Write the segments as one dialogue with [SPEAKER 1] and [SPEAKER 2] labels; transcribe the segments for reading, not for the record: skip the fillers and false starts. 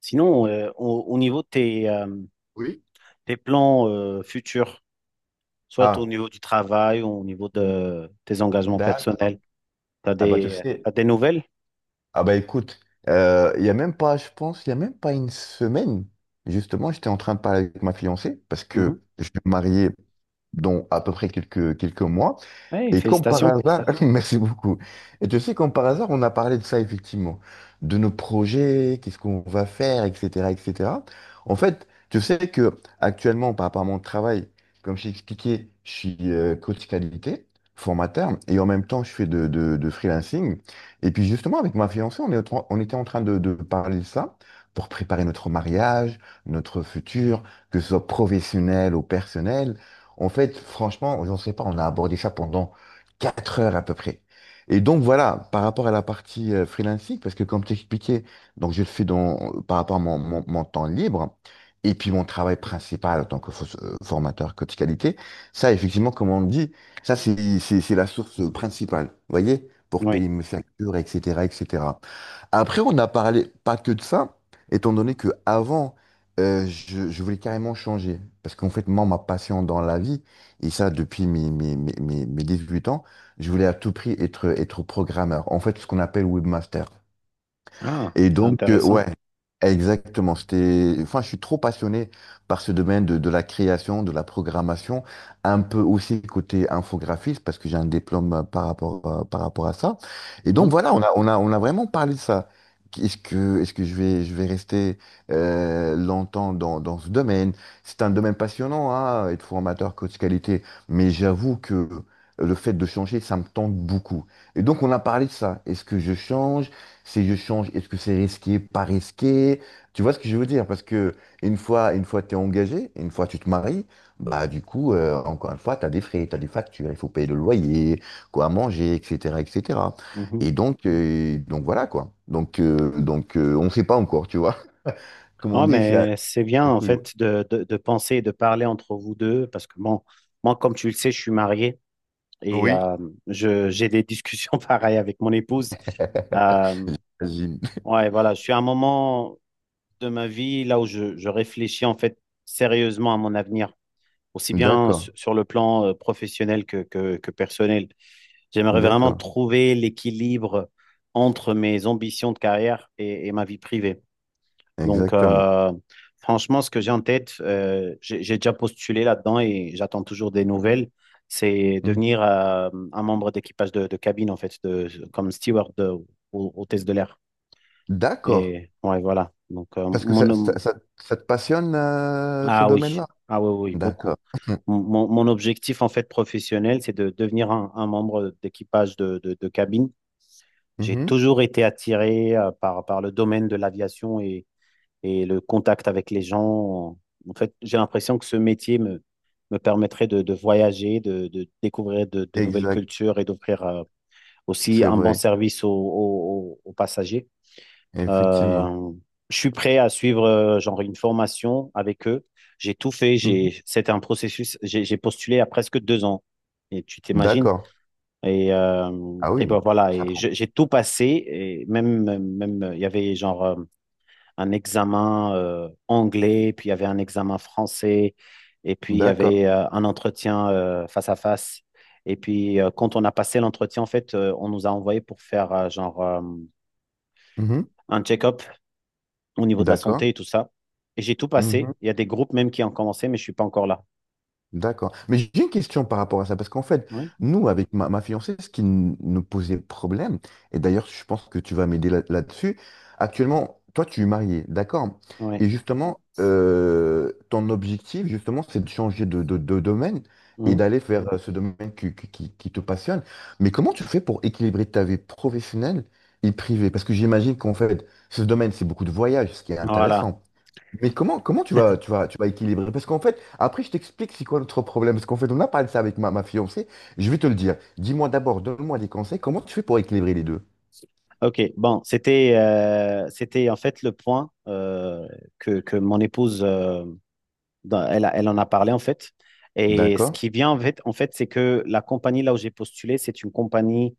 [SPEAKER 1] Sinon, au niveau de
[SPEAKER 2] Oui.
[SPEAKER 1] tes plans futurs, soit au
[SPEAKER 2] Ah,
[SPEAKER 1] niveau du travail ou au niveau de tes engagements
[SPEAKER 2] d'accord.
[SPEAKER 1] personnels, tu as
[SPEAKER 2] Ah bah tu sais,
[SPEAKER 1] t'as des nouvelles?
[SPEAKER 2] ah bah écoute, il y a même pas, je pense, il y a même pas une semaine, justement, j'étais en train de parler avec ma fiancée parce que je vais me marier dans à peu près quelques mois.
[SPEAKER 1] Oui,
[SPEAKER 2] Et comme par
[SPEAKER 1] félicitations.
[SPEAKER 2] hasard, merci beaucoup. Et tu sais, comme par hasard, on a parlé de ça effectivement, de nos projets, qu'est-ce qu'on va faire, etc., etc. En fait, tu sais que actuellement, par rapport à mon travail, comme je t'ai expliqué, je suis coach qualité, formateur, et en même temps, je fais de freelancing. Et puis justement, avec ma fiancée, on était en train de parler de ça pour préparer notre mariage, notre futur, que ce soit professionnel ou personnel. En fait, franchement, j'en sais pas, on a abordé ça pendant 4 heures à peu près. Et donc voilà, par rapport à la partie freelancing, parce que comme t'expliquais, donc je le fais dans, par rapport à mon temps libre, et puis mon travail principal en tant que formateur coach qualité, ça effectivement, comme on dit, ça c'est la source principale, vous voyez, pour
[SPEAKER 1] Oui.
[SPEAKER 2] payer mes factures, etc., etc. Après, on n'a parlé pas que de ça, étant donné que avant, je voulais carrément changer. Parce qu'en fait, moi, ma passion dans la vie, et ça depuis mes 18 ans, je voulais à tout prix être programmeur. En fait, ce qu'on appelle webmaster.
[SPEAKER 1] Ah,
[SPEAKER 2] Et
[SPEAKER 1] c'est
[SPEAKER 2] donc,
[SPEAKER 1] intéressant.
[SPEAKER 2] ouais, exactement. Enfin, je suis trop passionné par ce domaine de la création, de la programmation, un peu aussi côté infographiste, parce que j'ai un diplôme par rapport à ça. Et donc,
[SPEAKER 1] Mhm,
[SPEAKER 2] voilà, on a vraiment parlé de ça. Est-ce que je vais rester longtemps dans ce domaine? C'est un domaine passionnant, hein, être formateur, coach qualité, mais j'avoue que le fait de changer, ça me tente beaucoup. Et donc, on a parlé de ça. Est-ce que je change? Ces je change. Est-ce que c'est risqué, pas risqué? Tu vois ce que je veux dire? Parce que une fois t'es engagé, une fois tu te maries, bah du coup, encore une fois, t'as des frais, t'as des factures, il faut payer le loyer, quoi à manger, etc., etc. Et cetera.
[SPEAKER 1] mhm.
[SPEAKER 2] Et donc, donc voilà quoi. On ne sait pas encore, tu vois. Comme on
[SPEAKER 1] Ah,
[SPEAKER 2] dit, c'est à...
[SPEAKER 1] mais c'est bien
[SPEAKER 2] le
[SPEAKER 1] en
[SPEAKER 2] couillou.
[SPEAKER 1] fait de penser et de parler entre vous deux parce que bon, moi, comme tu le sais, je suis marié et
[SPEAKER 2] Oui.
[SPEAKER 1] euh, je, j'ai des discussions pareilles avec mon épouse. Euh,
[SPEAKER 2] J'imagine.
[SPEAKER 1] ouais, voilà, je suis à un moment, de ma vie, là où je réfléchis en fait sérieusement à mon avenir, aussi bien
[SPEAKER 2] D'accord,
[SPEAKER 1] sur le plan professionnel que personnel. J'aimerais vraiment
[SPEAKER 2] d'accord,
[SPEAKER 1] trouver l'équilibre entre mes ambitions de carrière et ma vie privée. Donc,
[SPEAKER 2] exactement.
[SPEAKER 1] franchement, ce que j'ai en tête, j'ai déjà postulé là-dedans et j'attends toujours des nouvelles. C'est
[SPEAKER 2] Mm.
[SPEAKER 1] devenir un membre d'équipage de cabine, en fait, de, comme steward au test de l'air.
[SPEAKER 2] D'accord.
[SPEAKER 1] Et ouais, voilà. Donc,
[SPEAKER 2] Parce que ça, ça, ça- ça te passionne ce
[SPEAKER 1] Ah oui,
[SPEAKER 2] domaine-là?
[SPEAKER 1] ah oui, oui, oui, beaucoup.
[SPEAKER 2] D'accord.
[SPEAKER 1] Mon objectif en fait professionnel, c'est de devenir un membre d'équipage de cabine. J'ai
[SPEAKER 2] Mhm.
[SPEAKER 1] toujours été attiré par le domaine de l'aviation et le contact avec les gens. En fait, j'ai l'impression que ce me permettrait de voyager, de découvrir de nouvelles
[SPEAKER 2] Exact,
[SPEAKER 1] cultures et d'offrir aussi
[SPEAKER 2] c'est
[SPEAKER 1] un bon
[SPEAKER 2] vrai,
[SPEAKER 1] service aux passagers.
[SPEAKER 2] effectivement.
[SPEAKER 1] Euh, je suis prêt à suivre genre une formation avec eux. J'ai tout fait.
[SPEAKER 2] Mhm.
[SPEAKER 1] J'ai, c'était un processus. J'ai postulé à presque 2 ans. Et tu t'imagines?
[SPEAKER 2] D'accord. Ah oui,
[SPEAKER 1] Et ben voilà.
[SPEAKER 2] ça prend.
[SPEAKER 1] J'ai tout passé. Et même, il y avait un examen anglais, puis il y avait un examen français, et puis il y
[SPEAKER 2] D'accord.
[SPEAKER 1] avait un entretien face à face. Et puis quand on a passé l'entretien, en fait, on nous a envoyé pour faire
[SPEAKER 2] Mhm.
[SPEAKER 1] un check-up au niveau de la
[SPEAKER 2] D'accord.
[SPEAKER 1] santé et tout ça. Et j'ai tout
[SPEAKER 2] Mhm.
[SPEAKER 1] passé. Il y a des groupes même qui ont commencé, mais je suis pas encore là.
[SPEAKER 2] D'accord. Mais j'ai une question par rapport à ça, parce qu'en fait,
[SPEAKER 1] Oui,
[SPEAKER 2] nous, avec ma fiancée, ce qui nous posait problème, et d'ailleurs, je pense que tu vas m'aider là-dessus, actuellement, toi, tu es marié, d'accord?
[SPEAKER 1] oui.
[SPEAKER 2] Et justement, ton objectif, justement, c'est de changer de domaine et
[SPEAKER 1] Mhm.
[SPEAKER 2] d'aller vers ce domaine qui te passionne. Mais comment tu fais pour équilibrer ta vie professionnelle et privée? Parce que j'imagine qu'en fait, ce domaine, c'est beaucoup de voyages, ce qui est
[SPEAKER 1] Voilà.
[SPEAKER 2] intéressant. Mais comment tu vas équilibrer? Parce qu'en fait, après, je t'explique c'est quoi notre problème. Parce qu'en fait, on a parlé de ça avec ma fiancée. Je vais te le dire. Dis-moi d'abord, donne-moi des conseils. Comment tu fais pour équilibrer les deux?
[SPEAKER 1] OK. Bon, c'était c'était en fait le point que mon épouse, elle, elle en a parlé en fait. Et ce
[SPEAKER 2] D'accord.
[SPEAKER 1] qui vient en fait c'est que la compagnie là où j'ai postulé, c'est une compagnie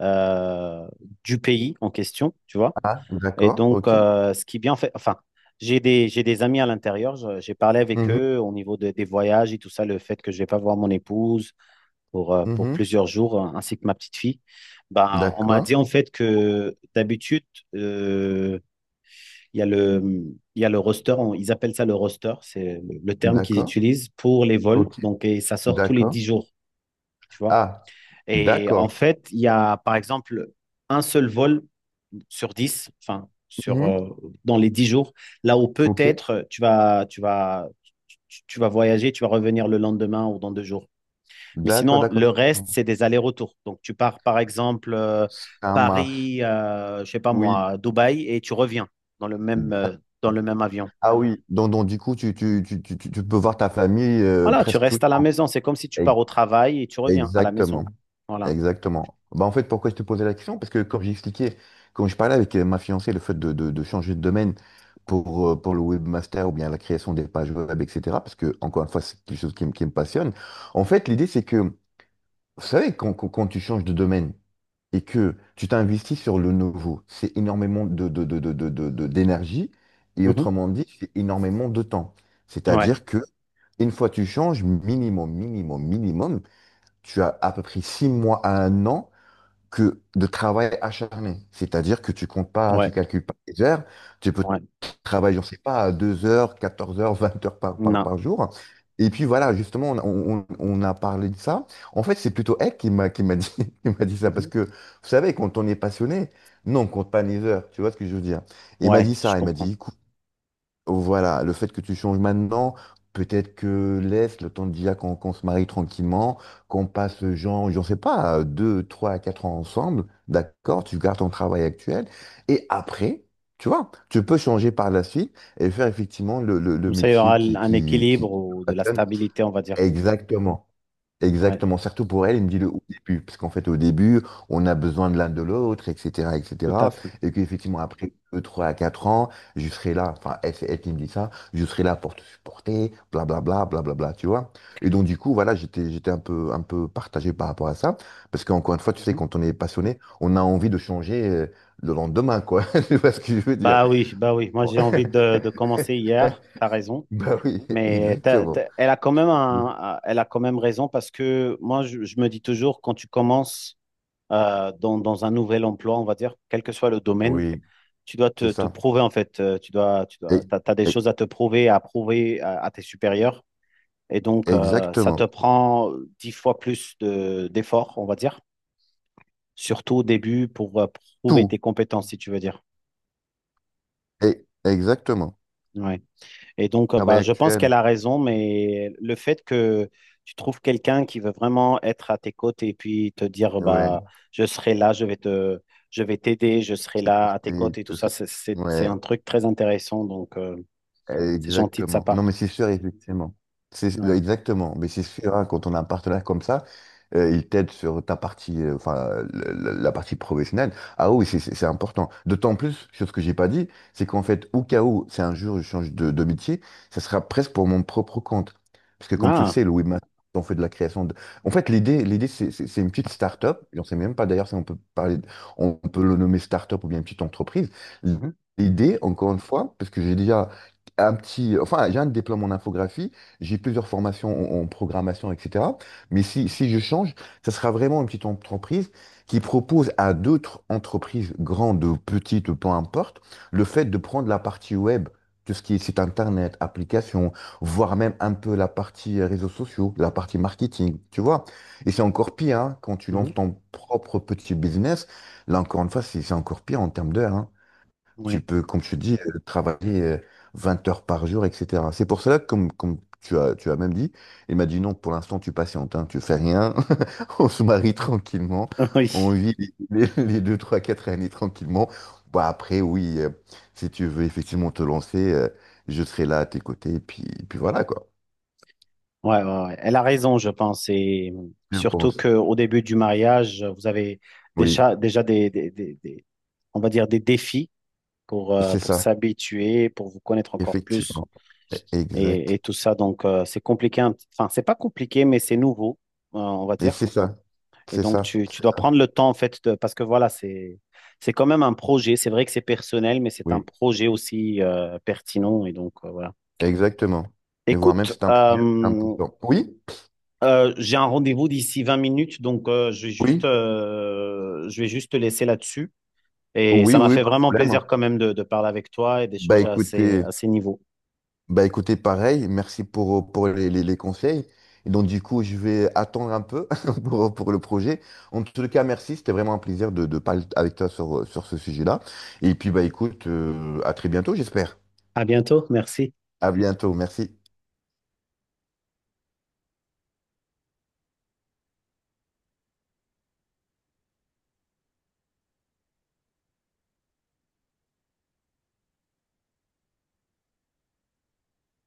[SPEAKER 1] euh, du pays en question, tu vois.
[SPEAKER 2] Ah,
[SPEAKER 1] Et
[SPEAKER 2] d'accord.
[SPEAKER 1] donc,
[SPEAKER 2] OK.
[SPEAKER 1] ce qui est bien fait, enfin, j'ai des amis à l'intérieur, j'ai parlé avec
[SPEAKER 2] Mhm,
[SPEAKER 1] eux au niveau des voyages et tout ça, le fait que je ne vais pas voir mon épouse pour
[SPEAKER 2] mhm.
[SPEAKER 1] plusieurs jours, ainsi que ma petite fille. Bah, on m'a
[SPEAKER 2] D'accord.
[SPEAKER 1] dit en fait que d'habitude, euh, il y a le, il y a le roster, ils appellent ça le roster, c'est le terme qu'ils
[SPEAKER 2] D'accord.
[SPEAKER 1] utilisent pour les vols,
[SPEAKER 2] OK.
[SPEAKER 1] donc et ça sort tous les
[SPEAKER 2] D'accord.
[SPEAKER 1] 10 jours. Tu vois.
[SPEAKER 2] Ah,
[SPEAKER 1] Et en
[SPEAKER 2] d'accord.
[SPEAKER 1] fait, il y a par exemple un seul vol sur 10 enfin,
[SPEAKER 2] Mhm,
[SPEAKER 1] dans les 10 jours, là où
[SPEAKER 2] OK.
[SPEAKER 1] peut-être tu vas voyager, tu vas revenir le lendemain ou dans 2 jours. Mais
[SPEAKER 2] D'accord,
[SPEAKER 1] sinon,
[SPEAKER 2] d'accord.
[SPEAKER 1] le
[SPEAKER 2] Je
[SPEAKER 1] reste,
[SPEAKER 2] comprends.
[SPEAKER 1] c'est des allers-retours. Donc, tu pars par exemple
[SPEAKER 2] Ça marche.
[SPEAKER 1] Paris, je sais pas
[SPEAKER 2] Oui.
[SPEAKER 1] moi, Dubaï, et tu reviens dans le même, euh, dans
[SPEAKER 2] D'accord.
[SPEAKER 1] le même avion.
[SPEAKER 2] Ah oui. Donc, du coup, tu peux voir ta famille
[SPEAKER 1] Voilà, tu
[SPEAKER 2] presque tout le
[SPEAKER 1] restes à la
[SPEAKER 2] temps.
[SPEAKER 1] maison. C'est comme si tu
[SPEAKER 2] E-
[SPEAKER 1] pars au travail et tu reviens à la
[SPEAKER 2] Exactement.
[SPEAKER 1] maison. Voilà.
[SPEAKER 2] Exactement. Bah, en fait, pourquoi je te posais la question? Parce que comme j'expliquais, quand je parlais avec ma fiancée, le fait de changer de domaine pour le webmaster ou bien la création des pages web, etc., parce que, encore une fois, c'est quelque chose qui me passionne. En fait, l'idée, c'est que, vous savez, quand tu changes de domaine et que tu t'investis sur le nouveau, c'est énormément d'énergie et
[SPEAKER 1] Mhm.
[SPEAKER 2] autrement dit, c'est énormément de temps.
[SPEAKER 1] Ouais,
[SPEAKER 2] C'est-à-dire que une fois tu changes, minimum, minimum, minimum, tu as à peu près 6 mois à un an que de travail acharné. C'est-à-dire que tu comptes pas, tu
[SPEAKER 1] ouais,
[SPEAKER 2] calcules pas les heures, tu peux
[SPEAKER 1] ouais.
[SPEAKER 2] travailler, je sais pas, 2 heures, 14 heures, 20 heures par, par,
[SPEAKER 1] Non.
[SPEAKER 2] par jour. Et puis voilà, justement, on a parlé de ça. En fait, c'est plutôt elle qui m'a dit, qui m'a dit ça. Parce
[SPEAKER 1] Mhm.
[SPEAKER 2] que, vous savez, quand on est passionné, non, on compte pas les heures. Tu vois ce que je veux dire? Et il m'a
[SPEAKER 1] Ouais,
[SPEAKER 2] dit
[SPEAKER 1] je
[SPEAKER 2] ça. Il m'a
[SPEAKER 1] comprends.
[SPEAKER 2] dit, écoute, voilà, le fait que tu changes maintenant, peut-être que laisse le temps déjà qu'on se marie tranquillement, qu'on passe, genre, j'en sais pas, 2, 3, 4 ans ensemble, d'accord, tu gardes ton travail actuel, et après, tu vois, tu peux changer par la suite et faire effectivement le
[SPEAKER 1] Comme ça, il y
[SPEAKER 2] métier
[SPEAKER 1] aura
[SPEAKER 2] qui,
[SPEAKER 1] un
[SPEAKER 2] qui, qui
[SPEAKER 1] équilibre
[SPEAKER 2] te
[SPEAKER 1] ou de la
[SPEAKER 2] passionne.
[SPEAKER 1] stabilité, on va dire.
[SPEAKER 2] Exactement.
[SPEAKER 1] Ouais,
[SPEAKER 2] Exactement, surtout pour elle, il me dit le au début, parce qu'en fait au début, on a besoin de l'un de l'autre, etc.,
[SPEAKER 1] tout à
[SPEAKER 2] etc., et cetera,
[SPEAKER 1] fait.
[SPEAKER 2] et qu'effectivement après 2, 3 à 4 ans, je serai là, enfin elle, c'est elle qui me dit ça, je serai là pour te supporter, blablabla, blablabla, tu vois. Et donc du coup, voilà, j'étais un peu partagé par rapport à ça, parce qu'encore une fois, tu sais,
[SPEAKER 1] Mhm.
[SPEAKER 2] quand on est passionné, on a envie de changer le lendemain, quoi, tu vois ce que je veux dire.
[SPEAKER 1] Bah oui, bah oui. Moi,
[SPEAKER 2] Bon.
[SPEAKER 1] j'ai envie de commencer hier. T'as raison.
[SPEAKER 2] Bah oui,
[SPEAKER 1] Mais
[SPEAKER 2] exactement.
[SPEAKER 1] elle a quand même elle a quand même raison parce que moi, je me dis toujours, quand tu commences dans un nouvel emploi, on va dire, quel que soit le domaine,
[SPEAKER 2] Oui,
[SPEAKER 1] tu dois
[SPEAKER 2] c'est
[SPEAKER 1] te
[SPEAKER 2] ça.
[SPEAKER 1] prouver, en fait. Tu
[SPEAKER 2] E-
[SPEAKER 1] dois, t'as des
[SPEAKER 2] e-
[SPEAKER 1] choses à te prouver, à prouver à tes supérieurs. Et donc, ça
[SPEAKER 2] Exactement.
[SPEAKER 1] te prend 10 fois plus d'efforts, on va dire. Surtout au début pour prouver
[SPEAKER 2] Tout,
[SPEAKER 1] tes compétences, si tu veux dire.
[SPEAKER 2] et, exactement.
[SPEAKER 1] Ouais. Et donc,
[SPEAKER 2] Travail
[SPEAKER 1] bah, je pense
[SPEAKER 2] actuel.
[SPEAKER 1] qu'elle a raison, mais le fait que tu trouves quelqu'un qui veut vraiment être à tes côtés et puis te dire,
[SPEAKER 2] Ouais.
[SPEAKER 1] bah, je serai là, je vais t'aider, je serai là à tes
[SPEAKER 2] Supporter
[SPEAKER 1] côtés et tout
[SPEAKER 2] tout
[SPEAKER 1] ça,
[SPEAKER 2] ça.
[SPEAKER 1] c'est
[SPEAKER 2] Ouais.
[SPEAKER 1] un truc très intéressant. Donc, c'est gentil de sa
[SPEAKER 2] Exactement.
[SPEAKER 1] part.
[SPEAKER 2] Non, mais c'est sûr, effectivement. C'est
[SPEAKER 1] Ouais.
[SPEAKER 2] Exactement. Mais c'est sûr, hein, quand on a un partenaire comme ça, il t'aide sur ta partie, enfin, la partie professionnelle. Ah oui, c'est important. D'autant plus, sur ce que j'ai pas dit, c'est qu'en fait, au cas où, c'est un jour, je change de métier, ça sera presque pour mon propre compte. Parce que comme tu le
[SPEAKER 1] Ah,
[SPEAKER 2] sais, le webmaster, on fait de la création de... En fait, l'idée, l'idée, c'est une petite start-up. J'en sais même pas d'ailleurs si on peut parler, de- on peut le nommer start-up ou bien une petite entreprise.
[SPEAKER 1] mhm,
[SPEAKER 2] L'idée, encore une fois, parce que j'ai déjà un petit, enfin, j'ai un diplôme en infographie, j'ai plusieurs formations en programmation, etc. Mais si, si je change, ça sera vraiment une petite entreprise qui propose à d'autres entreprises, grandes ou petites, peu importe, le fait de prendre la partie web, tout ce qui est site internet, application, voire même un peu la partie réseaux sociaux, la partie marketing, tu vois. Et c'est encore pire, hein, quand tu
[SPEAKER 1] mhm,
[SPEAKER 2] lances ton propre petit business. Là, encore une fois, c'est encore pire en termes d'heures. Tu
[SPEAKER 1] ouais.
[SPEAKER 2] peux, comme je te dis, travailler 20 heures par jour, etc. C'est pour cela que, comme, comme tu as même dit, il m'a dit non, pour l'instant, tu patientes, hein, tu fais rien, on se marie tranquillement,
[SPEAKER 1] Oui.
[SPEAKER 2] on vit les 2, 3, 4 années tranquillement. Bah, après, oui, si tu veux effectivement te lancer, je serai là à tes côtés, et puis voilà, quoi.
[SPEAKER 1] Ouais, ouais, ouais. Elle a raison, je pense. Et
[SPEAKER 2] Je
[SPEAKER 1] surtout
[SPEAKER 2] pense.
[SPEAKER 1] qu'au début du mariage, vous avez
[SPEAKER 2] Oui,
[SPEAKER 1] déjà, déjà on va dire des défis
[SPEAKER 2] c'est
[SPEAKER 1] pour
[SPEAKER 2] ça,
[SPEAKER 1] s'habituer, pour vous connaître encore plus
[SPEAKER 2] effectivement. Exact.
[SPEAKER 1] et tout ça. Donc, c'est compliqué. Enfin, c'est pas compliqué, mais c'est nouveau, on va
[SPEAKER 2] Et
[SPEAKER 1] dire.
[SPEAKER 2] c'est ça,
[SPEAKER 1] Et
[SPEAKER 2] c'est
[SPEAKER 1] donc,
[SPEAKER 2] ça,
[SPEAKER 1] tu
[SPEAKER 2] c'est
[SPEAKER 1] dois
[SPEAKER 2] ça.
[SPEAKER 1] prendre le temps, en fait, parce que voilà, c'est quand même un projet. C'est vrai que c'est personnel, mais c'est un
[SPEAKER 2] Oui.
[SPEAKER 1] projet aussi, pertinent. Et donc, voilà.
[SPEAKER 2] Exactement. Mais voire même,
[SPEAKER 1] Écoute,
[SPEAKER 2] c'est un projet important. Oui,
[SPEAKER 1] J'ai un rendez-vous d'ici 20 minutes, donc
[SPEAKER 2] oui,
[SPEAKER 1] je vais juste te laisser là-dessus. Et
[SPEAKER 2] oui,
[SPEAKER 1] ça m'a
[SPEAKER 2] oui,
[SPEAKER 1] fait
[SPEAKER 2] pas de
[SPEAKER 1] vraiment
[SPEAKER 2] problème.
[SPEAKER 1] plaisir quand même de parler avec toi et
[SPEAKER 2] Bah
[SPEAKER 1] d'échanger à
[SPEAKER 2] écoutez,
[SPEAKER 1] à ces niveaux.
[SPEAKER 2] bah écoutez, pareil, merci pour les conseils. Et donc du coup, je vais attendre un peu pour le projet. En tout cas, merci, c'était vraiment un plaisir de parler avec toi sur ce sujet-là. Et puis bah écoute, à très bientôt, j'espère.
[SPEAKER 1] À bientôt, merci.
[SPEAKER 2] À bientôt, merci.